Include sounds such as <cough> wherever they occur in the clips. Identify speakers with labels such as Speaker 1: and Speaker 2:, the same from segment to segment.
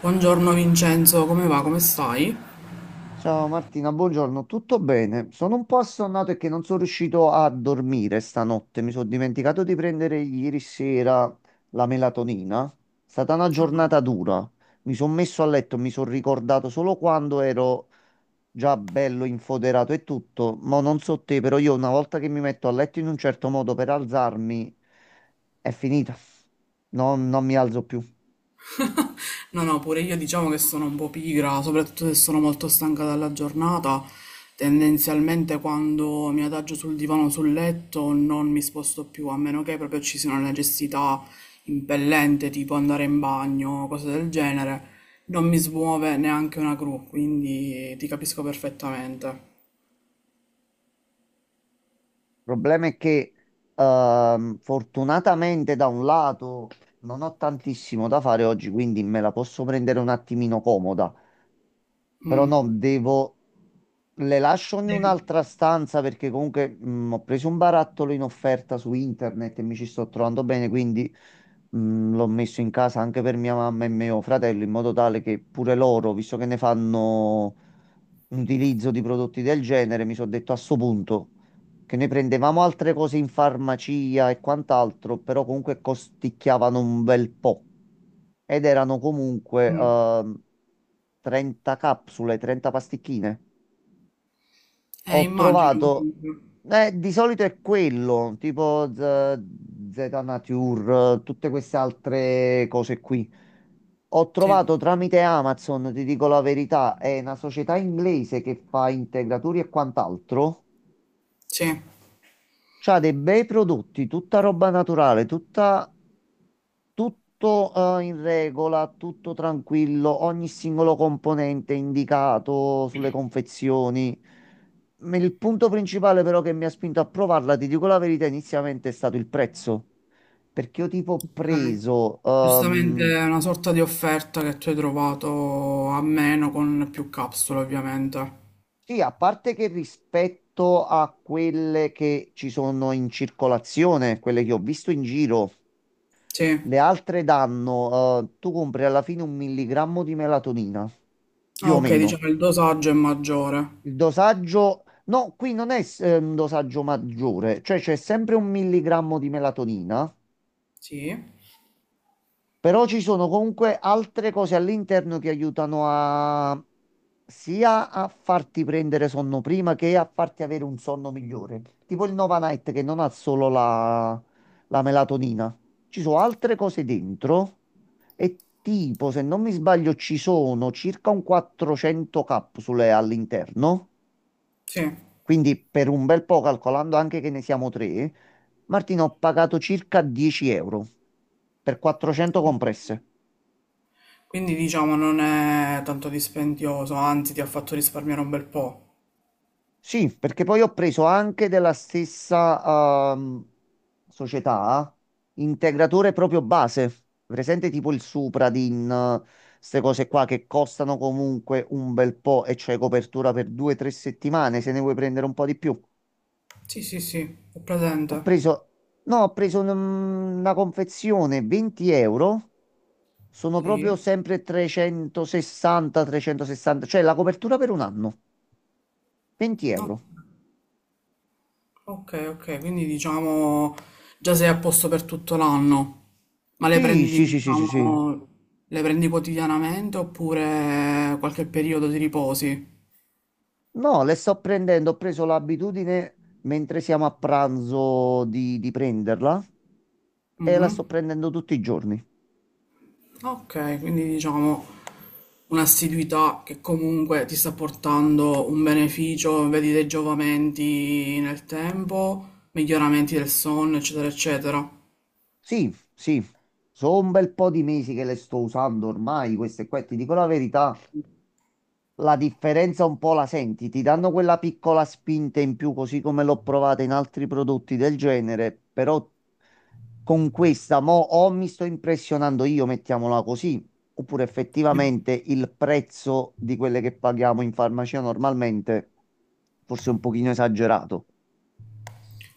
Speaker 1: Buongiorno Vincenzo, come va? Come stai?
Speaker 2: Ciao Martina, buongiorno, tutto bene? Sono un po' assonnato e che non sono riuscito a dormire stanotte. Mi sono dimenticato di prendere ieri sera la melatonina. È stata una giornata dura. Mi sono messo a letto, mi sono ricordato solo quando ero già bello infoderato e tutto. Ma non so te, però io una volta che mi metto a letto in un certo modo per alzarmi, è finita. Non mi alzo più.
Speaker 1: No, no, pure io diciamo che sono un po' pigra, soprattutto se sono molto stanca dalla giornata. Tendenzialmente quando mi adagio sul divano, o sul letto, non mi sposto più, a meno che proprio ci sia una necessità impellente, tipo andare in bagno, cose del genere. Non mi smuove neanche una gru, quindi ti capisco perfettamente.
Speaker 2: Il problema è che fortunatamente da un lato non ho tantissimo da fare oggi, quindi me la posso prendere un attimino comoda, però
Speaker 1: Mm.
Speaker 2: no, devo... Le lascio in
Speaker 1: Eh,
Speaker 2: un'altra stanza perché comunque ho preso un barattolo in offerta su internet e mi ci sto trovando bene, quindi l'ho messo in casa anche per mia mamma e mio fratello in modo tale che pure loro, visto che ne fanno utilizzo di prodotti del genere, mi sono detto a sto punto che noi prendevamo altre cose in farmacia e quant'altro, però comunque costicchiavano un bel po' ed erano comunque
Speaker 1: mm.
Speaker 2: 30 capsule, 30 pasticchine. Ho
Speaker 1: Immagino
Speaker 2: trovato,
Speaker 1: comunque.
Speaker 2: di solito è quello, tipo Z, Zeta Nature, tutte queste altre cose qui. Ho
Speaker 1: Sì,
Speaker 2: trovato tramite Amazon, ti dico la verità, è una società inglese che fa integratori e quant'altro.
Speaker 1: sì.
Speaker 2: C'ha dei bei prodotti, tutta roba naturale, tutta, tutto in regola, tutto tranquillo, ogni singolo componente indicato sulle confezioni. Il punto principale però che mi ha spinto a provarla, ti dico la verità, inizialmente è stato il prezzo, perché io tipo ho
Speaker 1: Ok.
Speaker 2: preso,
Speaker 1: Giustamente è una sorta di offerta che tu hai trovato a meno con più capsule, ovviamente.
Speaker 2: sì, a parte che rispetto a quelle che ci sono in circolazione, quelle che ho visto in giro.
Speaker 1: Sì.
Speaker 2: Le altre danno, tu compri alla fine un milligrammo di melatonina, più
Speaker 1: Ah,
Speaker 2: o
Speaker 1: ok,
Speaker 2: meno.
Speaker 1: diciamo il dosaggio è maggiore.
Speaker 2: Il dosaggio, no, qui non è, un dosaggio maggiore, cioè c'è sempre un milligrammo di melatonina.
Speaker 1: Sì.
Speaker 2: Però ci sono comunque altre cose all'interno che aiutano a sia a farti prendere sonno prima che a farti avere un sonno migliore. Tipo il Nova Night che non ha solo la, melatonina. Ci sono altre cose dentro e tipo, se non mi sbaglio, ci sono circa un 400 capsule all'interno.
Speaker 1: Sì.
Speaker 2: Quindi per un bel po', calcolando anche che ne siamo tre, Martino, ho pagato circa 10 euro per 400 compresse.
Speaker 1: Quindi diciamo non è tanto dispendioso, anzi ti ha fatto risparmiare un bel po'.
Speaker 2: Sì, perché poi ho preso anche della stessa società integratore proprio base, presente tipo il Supradin, queste cose qua che costano comunque un bel po' e c'è copertura per due o tre settimane se ne vuoi prendere un po' di più.
Speaker 1: Sì, sì, sì, ho
Speaker 2: Ho
Speaker 1: presente.
Speaker 2: preso, no, ho preso una confezione 20 euro, sono proprio
Speaker 1: Sì.
Speaker 2: sempre 360, 360, cioè la copertura per un anno, 20
Speaker 1: No.
Speaker 2: euro.
Speaker 1: Ok, ok, quindi diciamo già sei a posto per tutto l'anno, ma le
Speaker 2: Sì,
Speaker 1: prendi,
Speaker 2: sì, sì, sì, sì, sì.
Speaker 1: diciamo, le prendi quotidianamente oppure qualche periodo di riposi?
Speaker 2: No, le sto prendendo, ho preso l'abitudine mentre siamo a pranzo di, prenderla e la
Speaker 1: Mhm.
Speaker 2: sto prendendo tutti i giorni.
Speaker 1: Ok, quindi diciamo un'assiduità che comunque ti sta portando un beneficio, vedi dei giovamenti nel tempo, miglioramenti del sonno, eccetera, eccetera.
Speaker 2: Sì, sì, sono un bel po' di mesi che le sto usando ormai, queste qua, ti dico la verità. La differenza un po' la senti, ti danno quella piccola spinta in più, così come l'ho provata in altri prodotti del genere, però con questa mo o mi sto impressionando io, mettiamola così, oppure effettivamente il prezzo di quelle che paghiamo in farmacia normalmente forse è un pochino esagerato.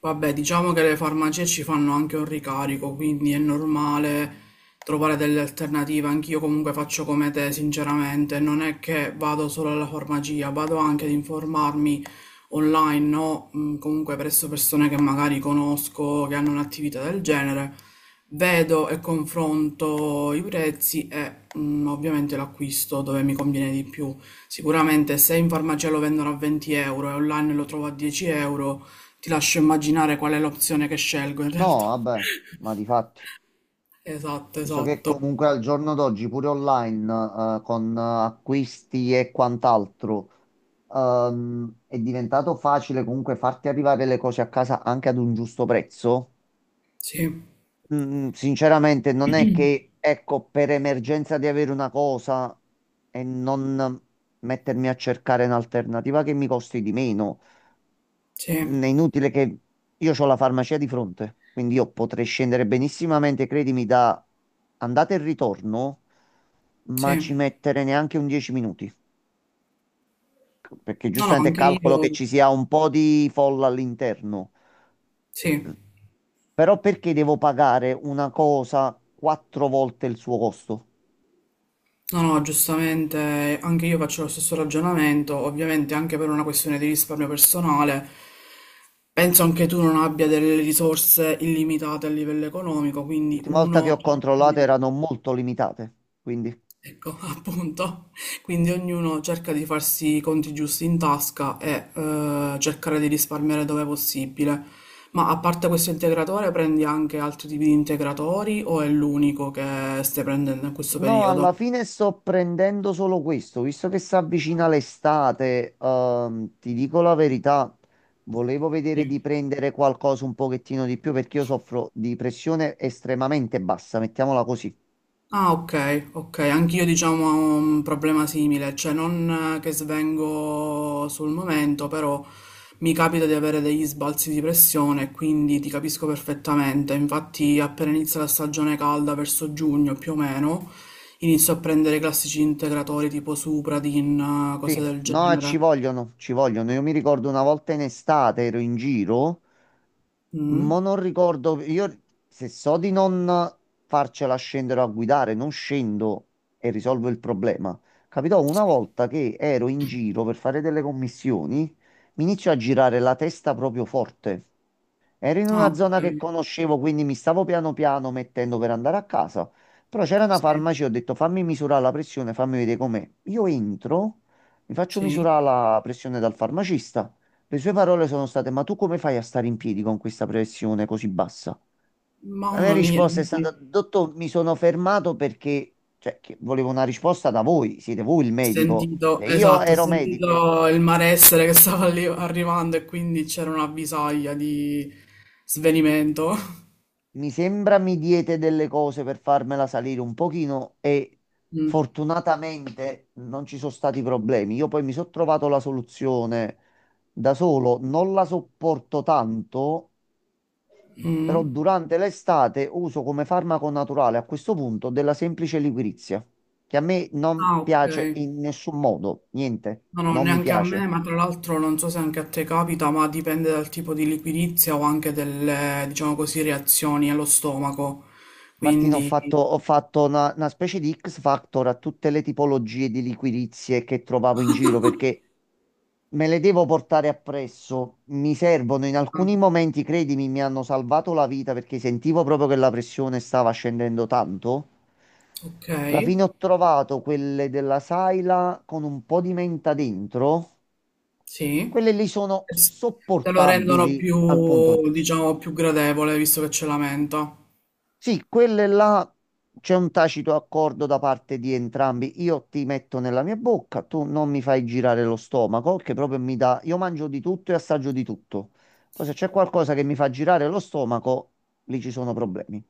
Speaker 1: Vabbè, diciamo che le farmacie ci fanno anche un ricarico, quindi è normale trovare delle alternative. Anch'io comunque faccio come te, sinceramente. Non è che vado solo alla farmacia, vado anche ad informarmi online, no? Comunque presso persone che magari conosco, che hanno un'attività del genere. Vedo e confronto i prezzi e ovviamente l'acquisto dove mi conviene di più. Sicuramente se in farmacia lo vendono a 20 € e online lo trovo a 10 euro, ti lascio immaginare qual è l'opzione che scelgo in
Speaker 2: No,
Speaker 1: realtà.
Speaker 2: vabbè, ma di fatti.
Speaker 1: Esatto,
Speaker 2: Visto che
Speaker 1: esatto.
Speaker 2: comunque al giorno d'oggi pure online, con acquisti e quant'altro, è diventato facile comunque farti arrivare le cose a casa anche ad un giusto prezzo.
Speaker 1: Sì,
Speaker 2: Sinceramente, non è che, ecco, per emergenza di avere una cosa e non mettermi a cercare un'alternativa che mi costi di meno.
Speaker 1: sì,
Speaker 2: È inutile che io ho la farmacia di fronte, quindi io potrei scendere benissimamente, credimi, da andata e ritorno ma
Speaker 1: sì.
Speaker 2: ci mettere neanche un 10 minuti, perché
Speaker 1: No, no,
Speaker 2: giustamente
Speaker 1: anche
Speaker 2: calcolo che
Speaker 1: io.
Speaker 2: ci sia un po' di folla all'interno.
Speaker 1: Sì.
Speaker 2: Però perché devo pagare una cosa quattro volte il suo costo?
Speaker 1: No, no, giustamente anche io faccio lo stesso ragionamento, ovviamente anche per una questione di risparmio personale. Penso anche tu non abbia delle risorse illimitate a livello economico, quindi
Speaker 2: L'ultima volta che
Speaker 1: uno
Speaker 2: ho controllato erano molto limitate, quindi...
Speaker 1: ecco, <laughs> appunto. Quindi ognuno cerca di farsi i conti giusti in tasca e cercare di risparmiare dove possibile. Ma a parte questo integratore, prendi anche altri tipi di integratori o è l'unico che stai prendendo in questo
Speaker 2: No,
Speaker 1: periodo?
Speaker 2: alla fine sto prendendo solo questo, visto che si avvicina l'estate, ti dico la verità, volevo vedere di
Speaker 1: Sì.
Speaker 2: prendere qualcosa un pochettino di più perché io soffro di pressione estremamente bassa, mettiamola così.
Speaker 1: Ah, ok, ok, anch'io diciamo ho un problema simile, cioè non che svengo sul momento, però mi capita di avere degli sbalzi di pressione, quindi ti capisco perfettamente. Infatti, appena inizia la stagione calda, verso giugno più o meno, inizio a prendere i classici integratori tipo Supradin, cose
Speaker 2: Sì,
Speaker 1: del
Speaker 2: no, ci
Speaker 1: genere.
Speaker 2: vogliono, ci vogliono. Io mi ricordo una volta in estate ero in giro,
Speaker 1: Mm.
Speaker 2: ma non ricordo, io se so di non farcela scendere a guidare, non scendo e risolvo il problema. Capitò una volta che ero in giro per fare delle commissioni, mi inizio a girare la testa proprio forte. Ero in
Speaker 1: Ah,
Speaker 2: una
Speaker 1: ok,
Speaker 2: zona che conoscevo, quindi mi stavo piano piano mettendo per andare a casa. Però c'era una
Speaker 1: sì,
Speaker 2: farmacia, ho detto fammi misurare la pressione, fammi vedere com'è. Io entro, mi faccio
Speaker 1: sì.
Speaker 2: misurare la pressione dal farmacista. Le sue parole sono state: Ma tu come fai a stare in piedi con questa pressione così bassa? La mia
Speaker 1: Mamma mia.
Speaker 2: risposta è stata: Dottor, mi sono fermato perché cioè, che volevo una risposta da voi. Siete voi il medico.
Speaker 1: Sentito,
Speaker 2: Se io
Speaker 1: esatto, ho
Speaker 2: ero medico,
Speaker 1: sentito il malessere che stava lì arrivando e quindi c'era una visaglia di svenimento.
Speaker 2: mi sembra mi diete delle cose per farmela salire un pochino e
Speaker 1: Mm.
Speaker 2: fortunatamente non ci sono stati problemi. Io poi mi sono trovato la soluzione da solo, non la sopporto tanto, però
Speaker 1: Mm.
Speaker 2: durante l'estate uso come farmaco naturale a questo punto della semplice liquirizia, che a me non
Speaker 1: Ah, ok.
Speaker 2: piace in nessun modo, niente,
Speaker 1: No, no,
Speaker 2: non mi
Speaker 1: neanche a me,
Speaker 2: piace.
Speaker 1: ma tra l'altro non so se anche a te capita, ma dipende dal tipo di liquidizia o anche delle, diciamo così, reazioni allo stomaco.
Speaker 2: Martina,
Speaker 1: Quindi,
Speaker 2: ho fatto una, specie di X Factor a tutte le tipologie di liquirizie che trovavo in giro perché me le devo portare appresso, mi servono in alcuni
Speaker 1: ah,
Speaker 2: momenti, credimi, mi hanno salvato la vita perché sentivo proprio che la pressione stava scendendo tanto.
Speaker 1: ok,
Speaker 2: Alla fine ho trovato quelle della Saila con un po' di menta dentro,
Speaker 1: sì.
Speaker 2: quelle lì sono
Speaker 1: Es- Te lo rendono
Speaker 2: sopportabili al punto
Speaker 1: più,
Speaker 2: giusto.
Speaker 1: diciamo, più gradevole, visto che c'è la menta.
Speaker 2: Sì, quelle là c'è un tacito accordo da parte di entrambi. Io ti metto nella mia bocca, tu non mi fai girare lo stomaco, che proprio mi dà. Io mangio di tutto e assaggio di tutto. Poi se c'è qualcosa che mi fa girare lo stomaco, lì ci sono problemi.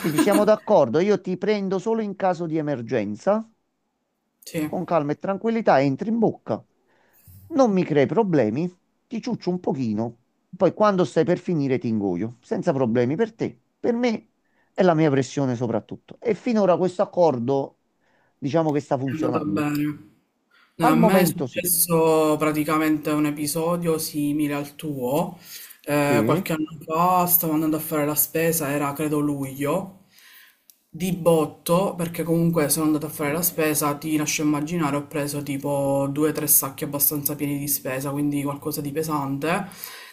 Speaker 2: Quindi siamo d'accordo, io ti prendo solo in caso di emergenza,
Speaker 1: Sì.
Speaker 2: con calma e tranquillità, entri in bocca non mi crei problemi, ti ciuccio un pochino, poi quando stai per finire ti ingoio, senza problemi per te, per me e la mia pressione soprattutto. E finora questo accordo diciamo che sta
Speaker 1: È andata
Speaker 2: funzionando.
Speaker 1: bene. No,
Speaker 2: Al
Speaker 1: a me è
Speaker 2: momento sì,
Speaker 1: successo praticamente un episodio simile al tuo.
Speaker 2: sì,
Speaker 1: Qualche anno fa stavo andando a fare la spesa, era credo luglio, di botto, perché comunque sono andata a fare la spesa, ti lascio immaginare, ho preso tipo due o tre sacchi abbastanza pieni di spesa, quindi qualcosa di pesante.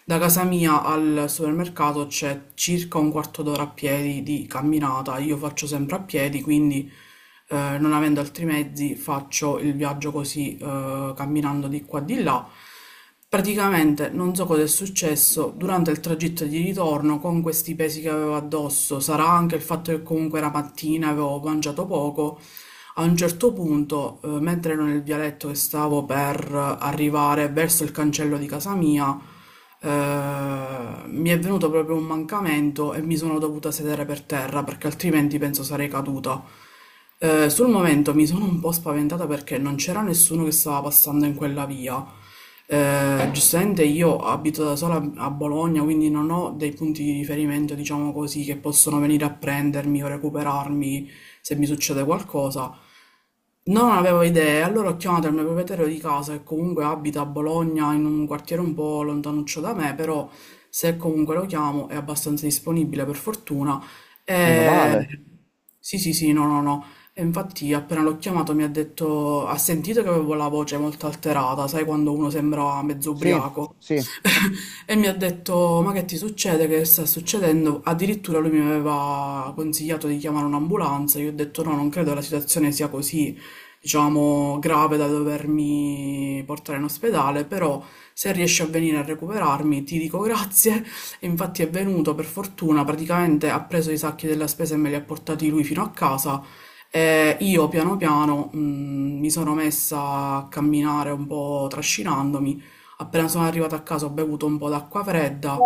Speaker 1: Da casa mia al supermercato c'è circa un quarto d'ora a piedi di camminata, io faccio sempre a piedi, quindi non avendo altri mezzi faccio il viaggio così camminando di qua e di là. Praticamente non so cosa è successo durante il tragitto di ritorno con questi pesi che avevo addosso. Sarà anche il fatto che comunque era mattina, avevo mangiato poco. A un certo punto, mentre ero nel vialetto che stavo per arrivare verso il cancello di casa mia, mi è venuto proprio un mancamento e mi sono dovuta sedere per terra perché altrimenti penso sarei caduta. Sul momento mi sono un po' spaventata perché non c'era nessuno che stava passando in quella via. Giustamente io abito da sola a Bologna, quindi non ho dei punti di riferimento, diciamo così, che possono venire a prendermi o recuperarmi se mi succede qualcosa. Non avevo idea, allora ho chiamato il mio proprietario di casa che comunque abita a Bologna in un quartiere un po' lontanuccio da me, però se comunque lo chiamo è abbastanza disponibile per fortuna.
Speaker 2: meno
Speaker 1: E...
Speaker 2: male,
Speaker 1: sì, sì, sì, no, no, no. E infatti appena l'ho chiamato mi ha detto, ha sentito che avevo la voce molto alterata, sai quando uno sembra mezzo
Speaker 2: sì,
Speaker 1: ubriaco?
Speaker 2: sì,
Speaker 1: <laughs> E mi ha detto, ma che ti succede? Che sta succedendo? Addirittura lui mi aveva consigliato di chiamare un'ambulanza, io ho detto no, non credo la situazione sia così diciamo, grave da dovermi portare in ospedale, però se riesce a venire a recuperarmi ti dico grazie. E infatti è venuto per fortuna, praticamente ha preso i sacchi della spesa e me li ha portati lui fino a casa. E io piano piano mi sono messa a camminare un po' trascinandomi. Appena sono arrivata a casa ho bevuto un po' d'acqua fredda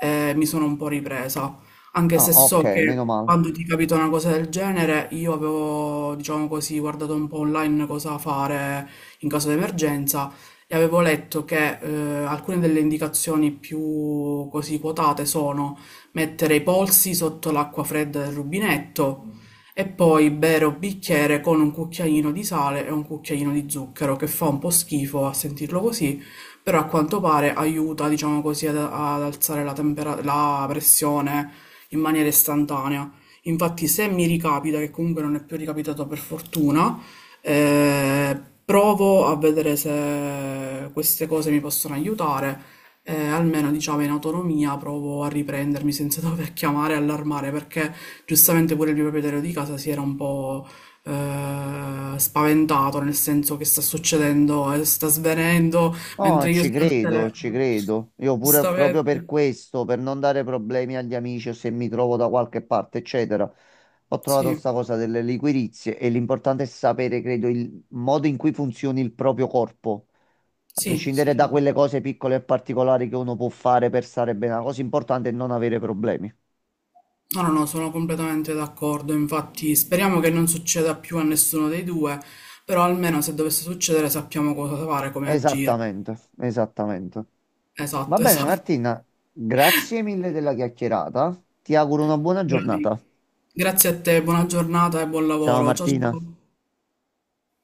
Speaker 1: e mi sono un po' ripresa. Anche
Speaker 2: ah
Speaker 1: se
Speaker 2: ok,
Speaker 1: so
Speaker 2: meno
Speaker 1: che
Speaker 2: male.
Speaker 1: quando ti capita una cosa del genere, io avevo, diciamo così, guardato un po' online cosa fare in caso di emergenza e avevo letto che alcune delle indicazioni più così quotate sono mettere i polsi sotto l'acqua fredda del rubinetto e poi bere un bicchiere con un cucchiaino di sale e un cucchiaino di zucchero, che fa un po' schifo a sentirlo così, però a quanto pare aiuta, diciamo così, ad alzare la la pressione in maniera istantanea. Infatti, se mi ricapita, che comunque non è più ricapitato per fortuna, provo a vedere se queste cose mi possono aiutare. Almeno diciamo in autonomia provo a riprendermi senza <laughs> dover chiamare e allarmare perché giustamente pure il mio proprietario di casa si era un po' spaventato nel senso che sta succedendo e sta svenendo
Speaker 2: No,
Speaker 1: mentre io
Speaker 2: ci
Speaker 1: sono al
Speaker 2: credo, ci
Speaker 1: telefono.
Speaker 2: credo. Io pure proprio per
Speaker 1: Giustamente.
Speaker 2: questo, per non dare problemi agli amici o se mi trovo da qualche parte, eccetera, ho trovato
Speaker 1: Sì,
Speaker 2: sta cosa delle liquirizie e l'importante è sapere, credo, il modo in cui funzioni il proprio corpo, a
Speaker 1: sì, sì,
Speaker 2: prescindere da
Speaker 1: sì.
Speaker 2: quelle cose piccole e particolari che uno può fare per stare bene. La cosa importante è non avere problemi.
Speaker 1: No, no, no, sono completamente d'accordo. Infatti, speriamo che non succeda più a nessuno dei due, però almeno se dovesse succedere sappiamo cosa fare, come agire.
Speaker 2: Esattamente, esattamente. Va
Speaker 1: Esatto, <laughs>
Speaker 2: bene,
Speaker 1: esatto.
Speaker 2: Martina, grazie mille della chiacchierata. Ti auguro una buona
Speaker 1: Quello
Speaker 2: giornata.
Speaker 1: lì. Grazie a te, buona giornata e buon
Speaker 2: Ciao
Speaker 1: lavoro. Ciao
Speaker 2: Martina.
Speaker 1: ciao.